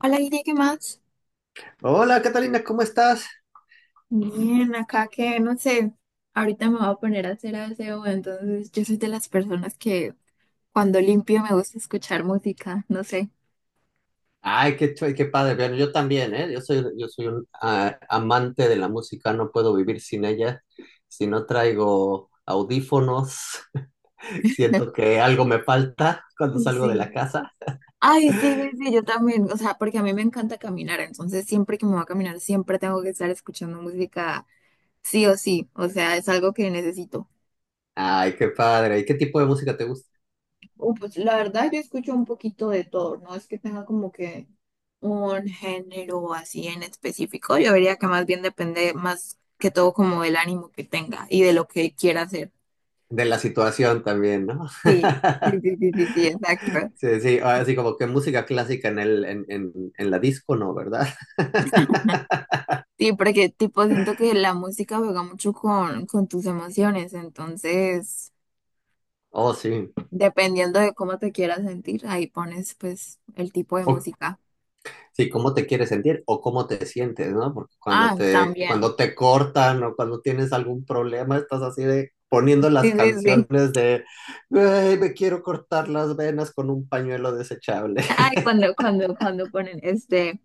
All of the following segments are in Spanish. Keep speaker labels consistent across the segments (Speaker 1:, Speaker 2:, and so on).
Speaker 1: Hola, Ine, ¿qué más?
Speaker 2: Hola Catalina, ¿cómo estás?
Speaker 1: Bien, acá que no sé, ahorita me voy a poner a hacer aseo, entonces yo soy de las personas que cuando limpio me gusta escuchar música, no sé.
Speaker 2: Ay, qué padre. Bueno, yo también, ¿eh? Yo soy un amante de la música, no puedo vivir sin ella. Si no traigo audífonos, siento que algo me falta cuando salgo de
Speaker 1: Sí.
Speaker 2: la casa.
Speaker 1: Ay, sí, sí, sí, yo también, o sea, porque a mí me encanta caminar, entonces siempre que me voy a caminar siempre tengo que estar escuchando música, sí o sí, o sea, es algo que necesito.
Speaker 2: Ay, qué padre. ¿Y qué tipo de música te gusta?
Speaker 1: Pues la verdad yo escucho un poquito de todo, no es que tenga como que un género así en específico, yo diría que más bien depende más que todo como del ánimo que tenga y de lo que quiera hacer.
Speaker 2: De la situación también, ¿no?
Speaker 1: Sí, sí, sí, sí, sí, sí, exacto.
Speaker 2: Sí, sí, así como que música clásica en en la disco, ¿no? ¿Verdad?
Speaker 1: Sí, porque tipo siento que la música juega mucho con tus emociones, entonces
Speaker 2: Oh, sí.
Speaker 1: dependiendo de cómo te quieras sentir, ahí pones pues el tipo de
Speaker 2: O-
Speaker 1: música.
Speaker 2: Sí, cómo te quieres sentir o cómo te sientes, ¿no? Porque
Speaker 1: Ah, también.
Speaker 2: cuando te cortan o cuando tienes algún problema, estás así de poniendo las
Speaker 1: Sí, sí, sí.
Speaker 2: canciones de "Güey, me quiero cortar las venas con un pañuelo desechable."
Speaker 1: Ay, cuando ponen este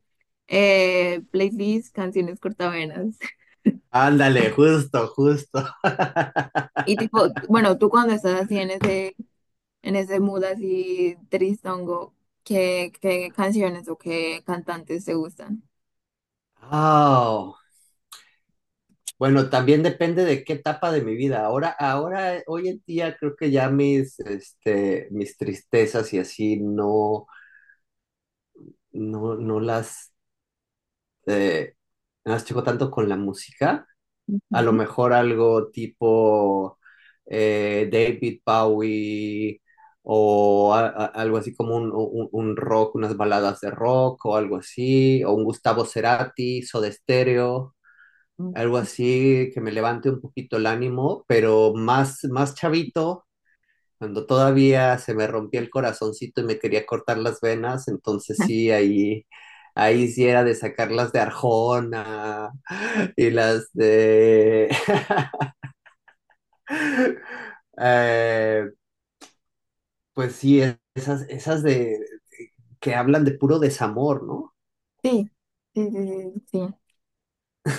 Speaker 1: eh, playlist, canciones cortavenas.
Speaker 2: Ándale, justo, justo.
Speaker 1: Y tipo, bueno, tú cuando estás así en ese mood así tristongo, ¿qué canciones o qué cantantes te gustan?
Speaker 2: Oh. Bueno, también depende de qué etapa de mi vida. Ahora, ahora, hoy en día creo que ya mis tristezas y así no, no las, eh, no las checo tanto con la música, a lo
Speaker 1: Ujú.
Speaker 2: mejor algo tipo David Bowie o algo así como un rock, unas baladas de rock o algo así, o un Gustavo Cerati, Soda Stereo,
Speaker 1: Mm.
Speaker 2: algo así que me levante un poquito el ánimo, pero más, más chavito, cuando todavía se me rompía el corazoncito y me quería cortar las venas, entonces sí, ahí... Ahí sí era de sacarlas de Arjona y las de Eh, pues sí, esas, esas de que hablan de puro desamor, ¿no?
Speaker 1: Sí, sí, sí, sí, sí.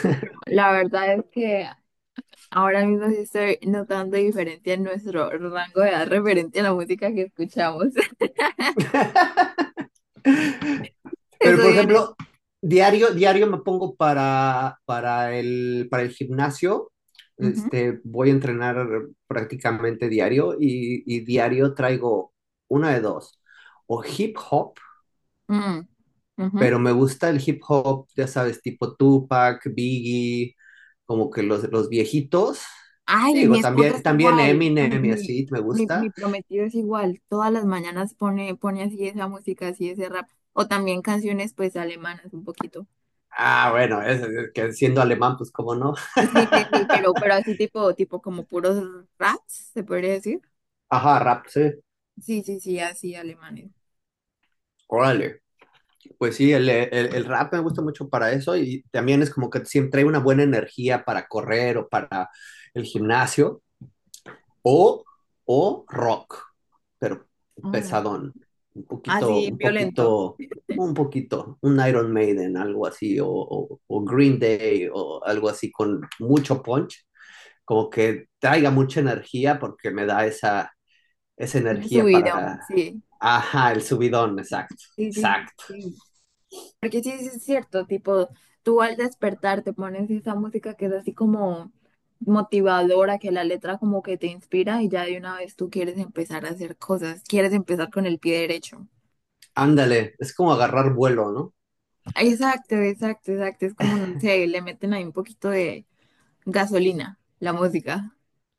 Speaker 1: Bueno, la verdad es que ahora mismo sí estoy notando diferencia en nuestro rango de edad referente a la música que escuchamos. Eso
Speaker 2: Pero por
Speaker 1: de...
Speaker 2: ejemplo, diario, diario me pongo para, para el gimnasio. Este, voy a entrenar prácticamente diario y diario traigo una de dos. O hip hop, pero me gusta el hip hop, ya sabes, tipo Tupac, Biggie, como que los viejitos.
Speaker 1: Ay, mi
Speaker 2: Digo,
Speaker 1: esposo
Speaker 2: también,
Speaker 1: es
Speaker 2: también
Speaker 1: igual. Bueno,
Speaker 2: Eminem y
Speaker 1: mi,
Speaker 2: así me
Speaker 1: mi, mi
Speaker 2: gusta.
Speaker 1: prometido es igual. Todas las mañanas pone así esa música, así ese rap. O también canciones pues alemanas un poquito.
Speaker 2: Ah, bueno, es que siendo alemán, pues cómo no.
Speaker 1: Sí, sí, sí, pero así tipo como puros raps, ¿se podría decir?
Speaker 2: Ajá, rap, sí.
Speaker 1: Sí, sí, sí, así alemanes.
Speaker 2: Órale. Pues sí, el rap me gusta mucho para eso y también es como que siempre trae una buena energía para correr o para el gimnasio o, o rock, pero
Speaker 1: Mm.
Speaker 2: pesadón, un poquito,
Speaker 1: Así violento.
Speaker 2: un Iron Maiden, algo así, o Green Day o algo así con mucho punch, como que traiga mucha energía porque me da esa, esa
Speaker 1: De su
Speaker 2: energía
Speaker 1: video,
Speaker 2: para...
Speaker 1: sí.
Speaker 2: Ajá, el subidón, exacto,
Speaker 1: Sí, sí, sí,
Speaker 2: exacto.
Speaker 1: sí. Porque sí, sí es cierto, tipo, tú al despertar te pones esa música que es así como motivadora, que la letra como que te inspira y ya de una vez tú quieres empezar a hacer cosas, quieres empezar con el pie derecho.
Speaker 2: Ándale, es como agarrar vuelo, ¿no?
Speaker 1: Exacto, exacto, exacto, es como, no sé, le meten ahí un poquito de gasolina, la música.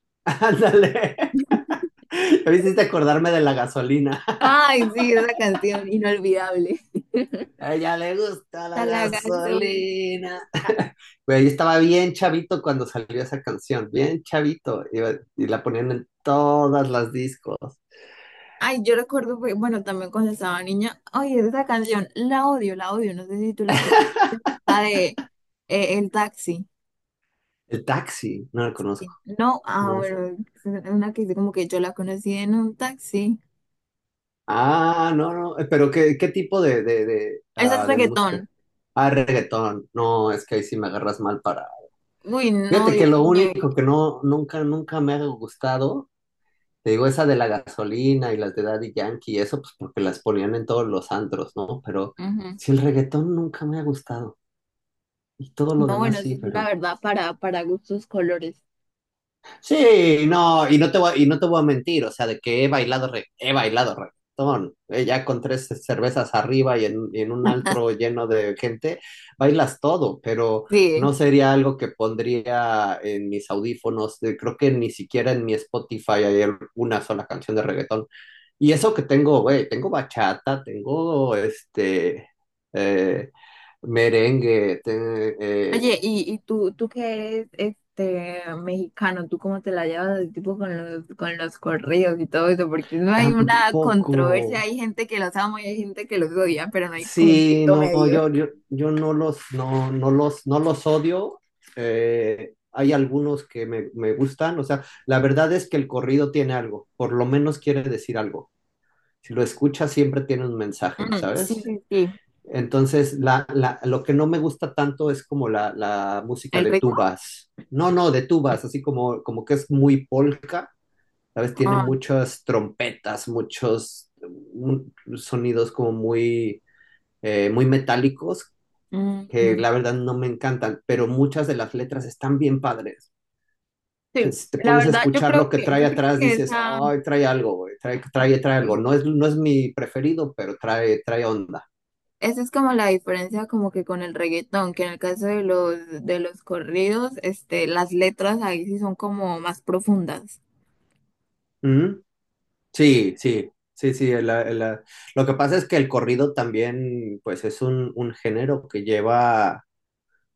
Speaker 2: Ándale. Me hiciste acordarme de la gasolina.
Speaker 1: Ay, sí, esa canción inolvidable.
Speaker 2: A ella le gusta la
Speaker 1: Está la gasolina.
Speaker 2: gasolina. Güey, yo estaba bien chavito cuando salió esa canción, bien chavito. Y la ponían en todas las discos.
Speaker 1: Ay, yo recuerdo, fue- bueno, también cuando estaba niña, ay, esa canción, la odio, no sé si tú la escuchaste. La de el taxi.
Speaker 2: El taxi, no la conozco.
Speaker 1: No, ah,
Speaker 2: No.
Speaker 1: bueno, es una que dice como que yo la conocí en un taxi.
Speaker 2: No, pero ¿qué, qué tipo de,
Speaker 1: Esa es
Speaker 2: ah, de música?
Speaker 1: reggaetón.
Speaker 2: Ah, reggaetón. No, es que ahí sí me agarras mal para.
Speaker 1: Uy, no,
Speaker 2: Fíjate que
Speaker 1: Dios
Speaker 2: lo
Speaker 1: mío.
Speaker 2: único que no, nunca, nunca me ha gustado, te digo, esa de la gasolina y las de Daddy Yankee y eso, pues porque las ponían en todos los antros, ¿no? Pero
Speaker 1: Ujú.
Speaker 2: si el reggaetón nunca me ha gustado y todo lo
Speaker 1: No,
Speaker 2: demás
Speaker 1: bueno, eso
Speaker 2: sí,
Speaker 1: sí, la
Speaker 2: pero.
Speaker 1: verdad, para gustos colores.
Speaker 2: Sí, no, y no te voy a mentir, o sea, de que he bailado he bailado reggaetón, ya con tres cervezas arriba y y en un altro lleno de gente, bailas todo, pero
Speaker 1: Sí.
Speaker 2: no sería algo que pondría en mis audífonos, creo que ni siquiera en mi Spotify hay una sola canción de reggaetón. Y eso que tengo, güey, tengo bachata, tengo eh, merengue,
Speaker 1: Oye, y tú que eres este mexicano? ¿Tú cómo te la llevas así, tipo con los corridos y todo eso? Porque no hay una controversia,
Speaker 2: tampoco.
Speaker 1: hay gente que los ama y hay gente que los odia, pero no hay como un
Speaker 2: Sí,
Speaker 1: punto
Speaker 2: no,
Speaker 1: medio.
Speaker 2: yo no los odio. Hay algunos que me gustan. O sea, la verdad es que el corrido tiene algo, por lo menos quiere decir algo. Si lo escuchas, siempre tiene un mensaje,
Speaker 1: Mm, sí,
Speaker 2: ¿sabes?
Speaker 1: sí, sí.
Speaker 2: Entonces, lo que no me gusta tanto es como la música
Speaker 1: ¿El
Speaker 2: de
Speaker 1: ritmo?
Speaker 2: tubas. No, no, de tubas, así como, como que es muy polka, ¿sabes? Tiene
Speaker 1: Ah.
Speaker 2: muchas trompetas, muchos sonidos como muy metálicos que
Speaker 1: Ujú.
Speaker 2: la verdad no me encantan, pero muchas de las letras están bien padres.
Speaker 1: Sí,
Speaker 2: Si te
Speaker 1: la
Speaker 2: pones a
Speaker 1: verdad,
Speaker 2: escuchar lo que trae
Speaker 1: yo creo
Speaker 2: atrás,
Speaker 1: que
Speaker 2: dices,
Speaker 1: esa,
Speaker 2: ay, trae algo, güey, trae algo.
Speaker 1: sí,
Speaker 2: No es mi preferido, pero trae, trae onda.
Speaker 1: esa es como la diferencia como que con el reggaetón, que en el caso de los corridos, este, las letras ahí sí son como más profundas.
Speaker 2: ¿Mm? Sí, sí, sí, sí. Lo que pasa es que el corrido también, pues, es un género que lleva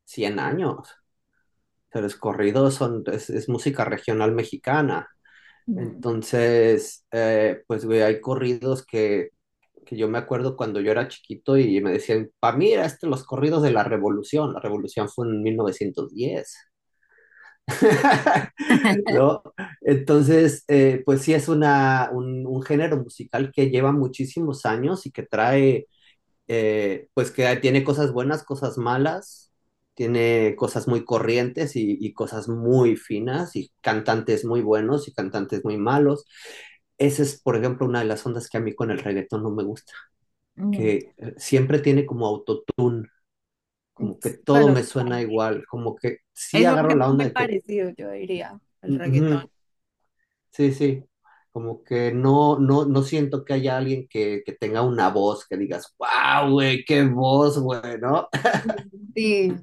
Speaker 2: 100 años. O sea, los corridos son, es música regional mexicana.
Speaker 1: Mm.
Speaker 2: Entonces, pues, güey, hay corridos que yo me acuerdo cuando yo era chiquito y me decían, pa, mira, este, los corridos de la revolución fue en 1910. ¿No? Entonces, pues sí es un género musical que lleva muchísimos años y que trae, pues que tiene cosas buenas, cosas malas, tiene cosas muy corrientes y cosas muy finas y cantantes muy buenos y cantantes muy malos. Esa es, por ejemplo, una de las ondas que a mí con el reggaetón no me gusta
Speaker 1: Mm.
Speaker 2: que siempre tiene como autotune, como que todo
Speaker 1: Bueno,
Speaker 2: me suena
Speaker 1: también
Speaker 2: igual, como que sí
Speaker 1: es un
Speaker 2: agarro la
Speaker 1: ritmo
Speaker 2: onda
Speaker 1: muy
Speaker 2: de que,
Speaker 1: parecido, yo diría, al reggaetón.
Speaker 2: ujú, sí, sí, como que no, no siento que haya alguien que tenga una voz que digas, wow, güey, qué voz, güey, ¿no?
Speaker 1: Sí,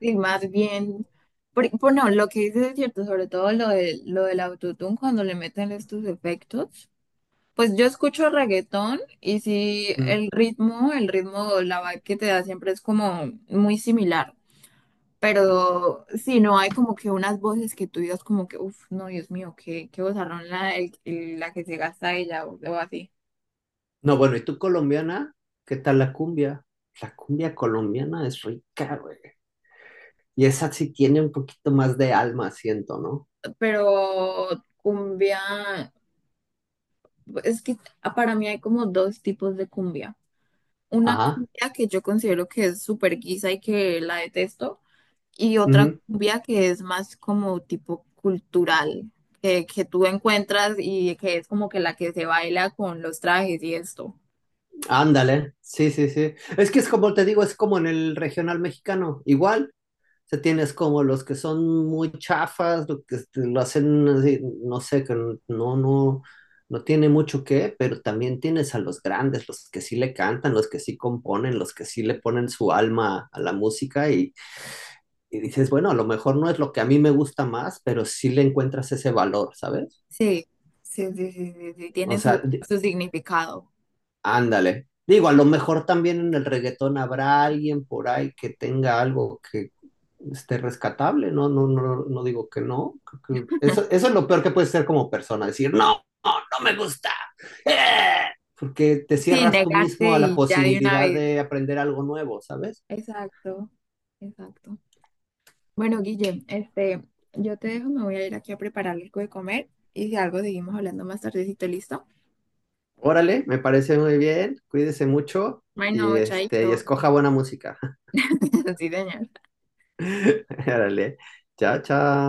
Speaker 1: sí, más bien. Por- bueno, lo que dices es cierto, sobre todo lo de, lo del autotune, cuando le meten estos efectos. Pues yo escucho reggaetón y sí,
Speaker 2: Mm.
Speaker 1: el ritmo, la vibe que te da siempre es como muy similar, pero sí, no hay como que unas voces que tú digas como que, uff, no, Dios mío, qué, qué vozarrón la, el- la que se gasta ella o así.
Speaker 2: No, bueno, ¿y tú colombiana? ¿Qué tal la cumbia? La cumbia colombiana es rica, güey. Y esa sí tiene un poquito más de alma, siento, ¿no?
Speaker 1: Pero cumbia, es que para mí hay como dos tipos de cumbia. Una
Speaker 2: Ajá.
Speaker 1: cumbia que yo considero que es súper guisa y que la detesto. Y otra cumbia que es más como tipo cultural, que tú encuentras y que es como que la que se baila con los trajes y esto.
Speaker 2: Ándale, sí, sí, sí. Es que es como te digo, es como en el regional mexicano, igual. O sea, tienes como los que son muy chafas, lo que este, lo hacen así, no sé, que no, no, no tiene mucho que, pero también tienes a los grandes, los que sí le cantan, los que sí componen, los que sí le ponen su alma a la música y dices, bueno, a lo mejor no es lo que a mí me gusta más, pero sí le encuentras ese valor, ¿sabes?
Speaker 1: Sí, sí, sí, sí, sí, sí,
Speaker 2: O
Speaker 1: tiene su,
Speaker 2: sea,
Speaker 1: su significado.
Speaker 2: Ándale. Digo, a lo mejor también en el reggaetón habrá alguien por ahí que tenga algo que esté rescatable, ¿no? No, no, no digo que no. Creo que eso es lo peor que puedes ser como persona, decir, no, no me gusta. ¡Eh! Porque te
Speaker 1: Sí,
Speaker 2: cierras tú mismo
Speaker 1: negarte
Speaker 2: a la
Speaker 1: y ya de una
Speaker 2: posibilidad
Speaker 1: vez.
Speaker 2: de aprender algo nuevo, ¿sabes?
Speaker 1: Exacto, exacto. Bueno, Guille, este, yo te dejo, me voy a ir aquí a preparar algo de comer y si algo seguimos hablando más tardecito, ¿listo?
Speaker 2: Órale, me parece muy bien, cuídese mucho y,
Speaker 1: Bueno,
Speaker 2: este, y
Speaker 1: chaito.
Speaker 2: escoja buena música.
Speaker 1: Sí, señor.
Speaker 2: Órale, chao, chao.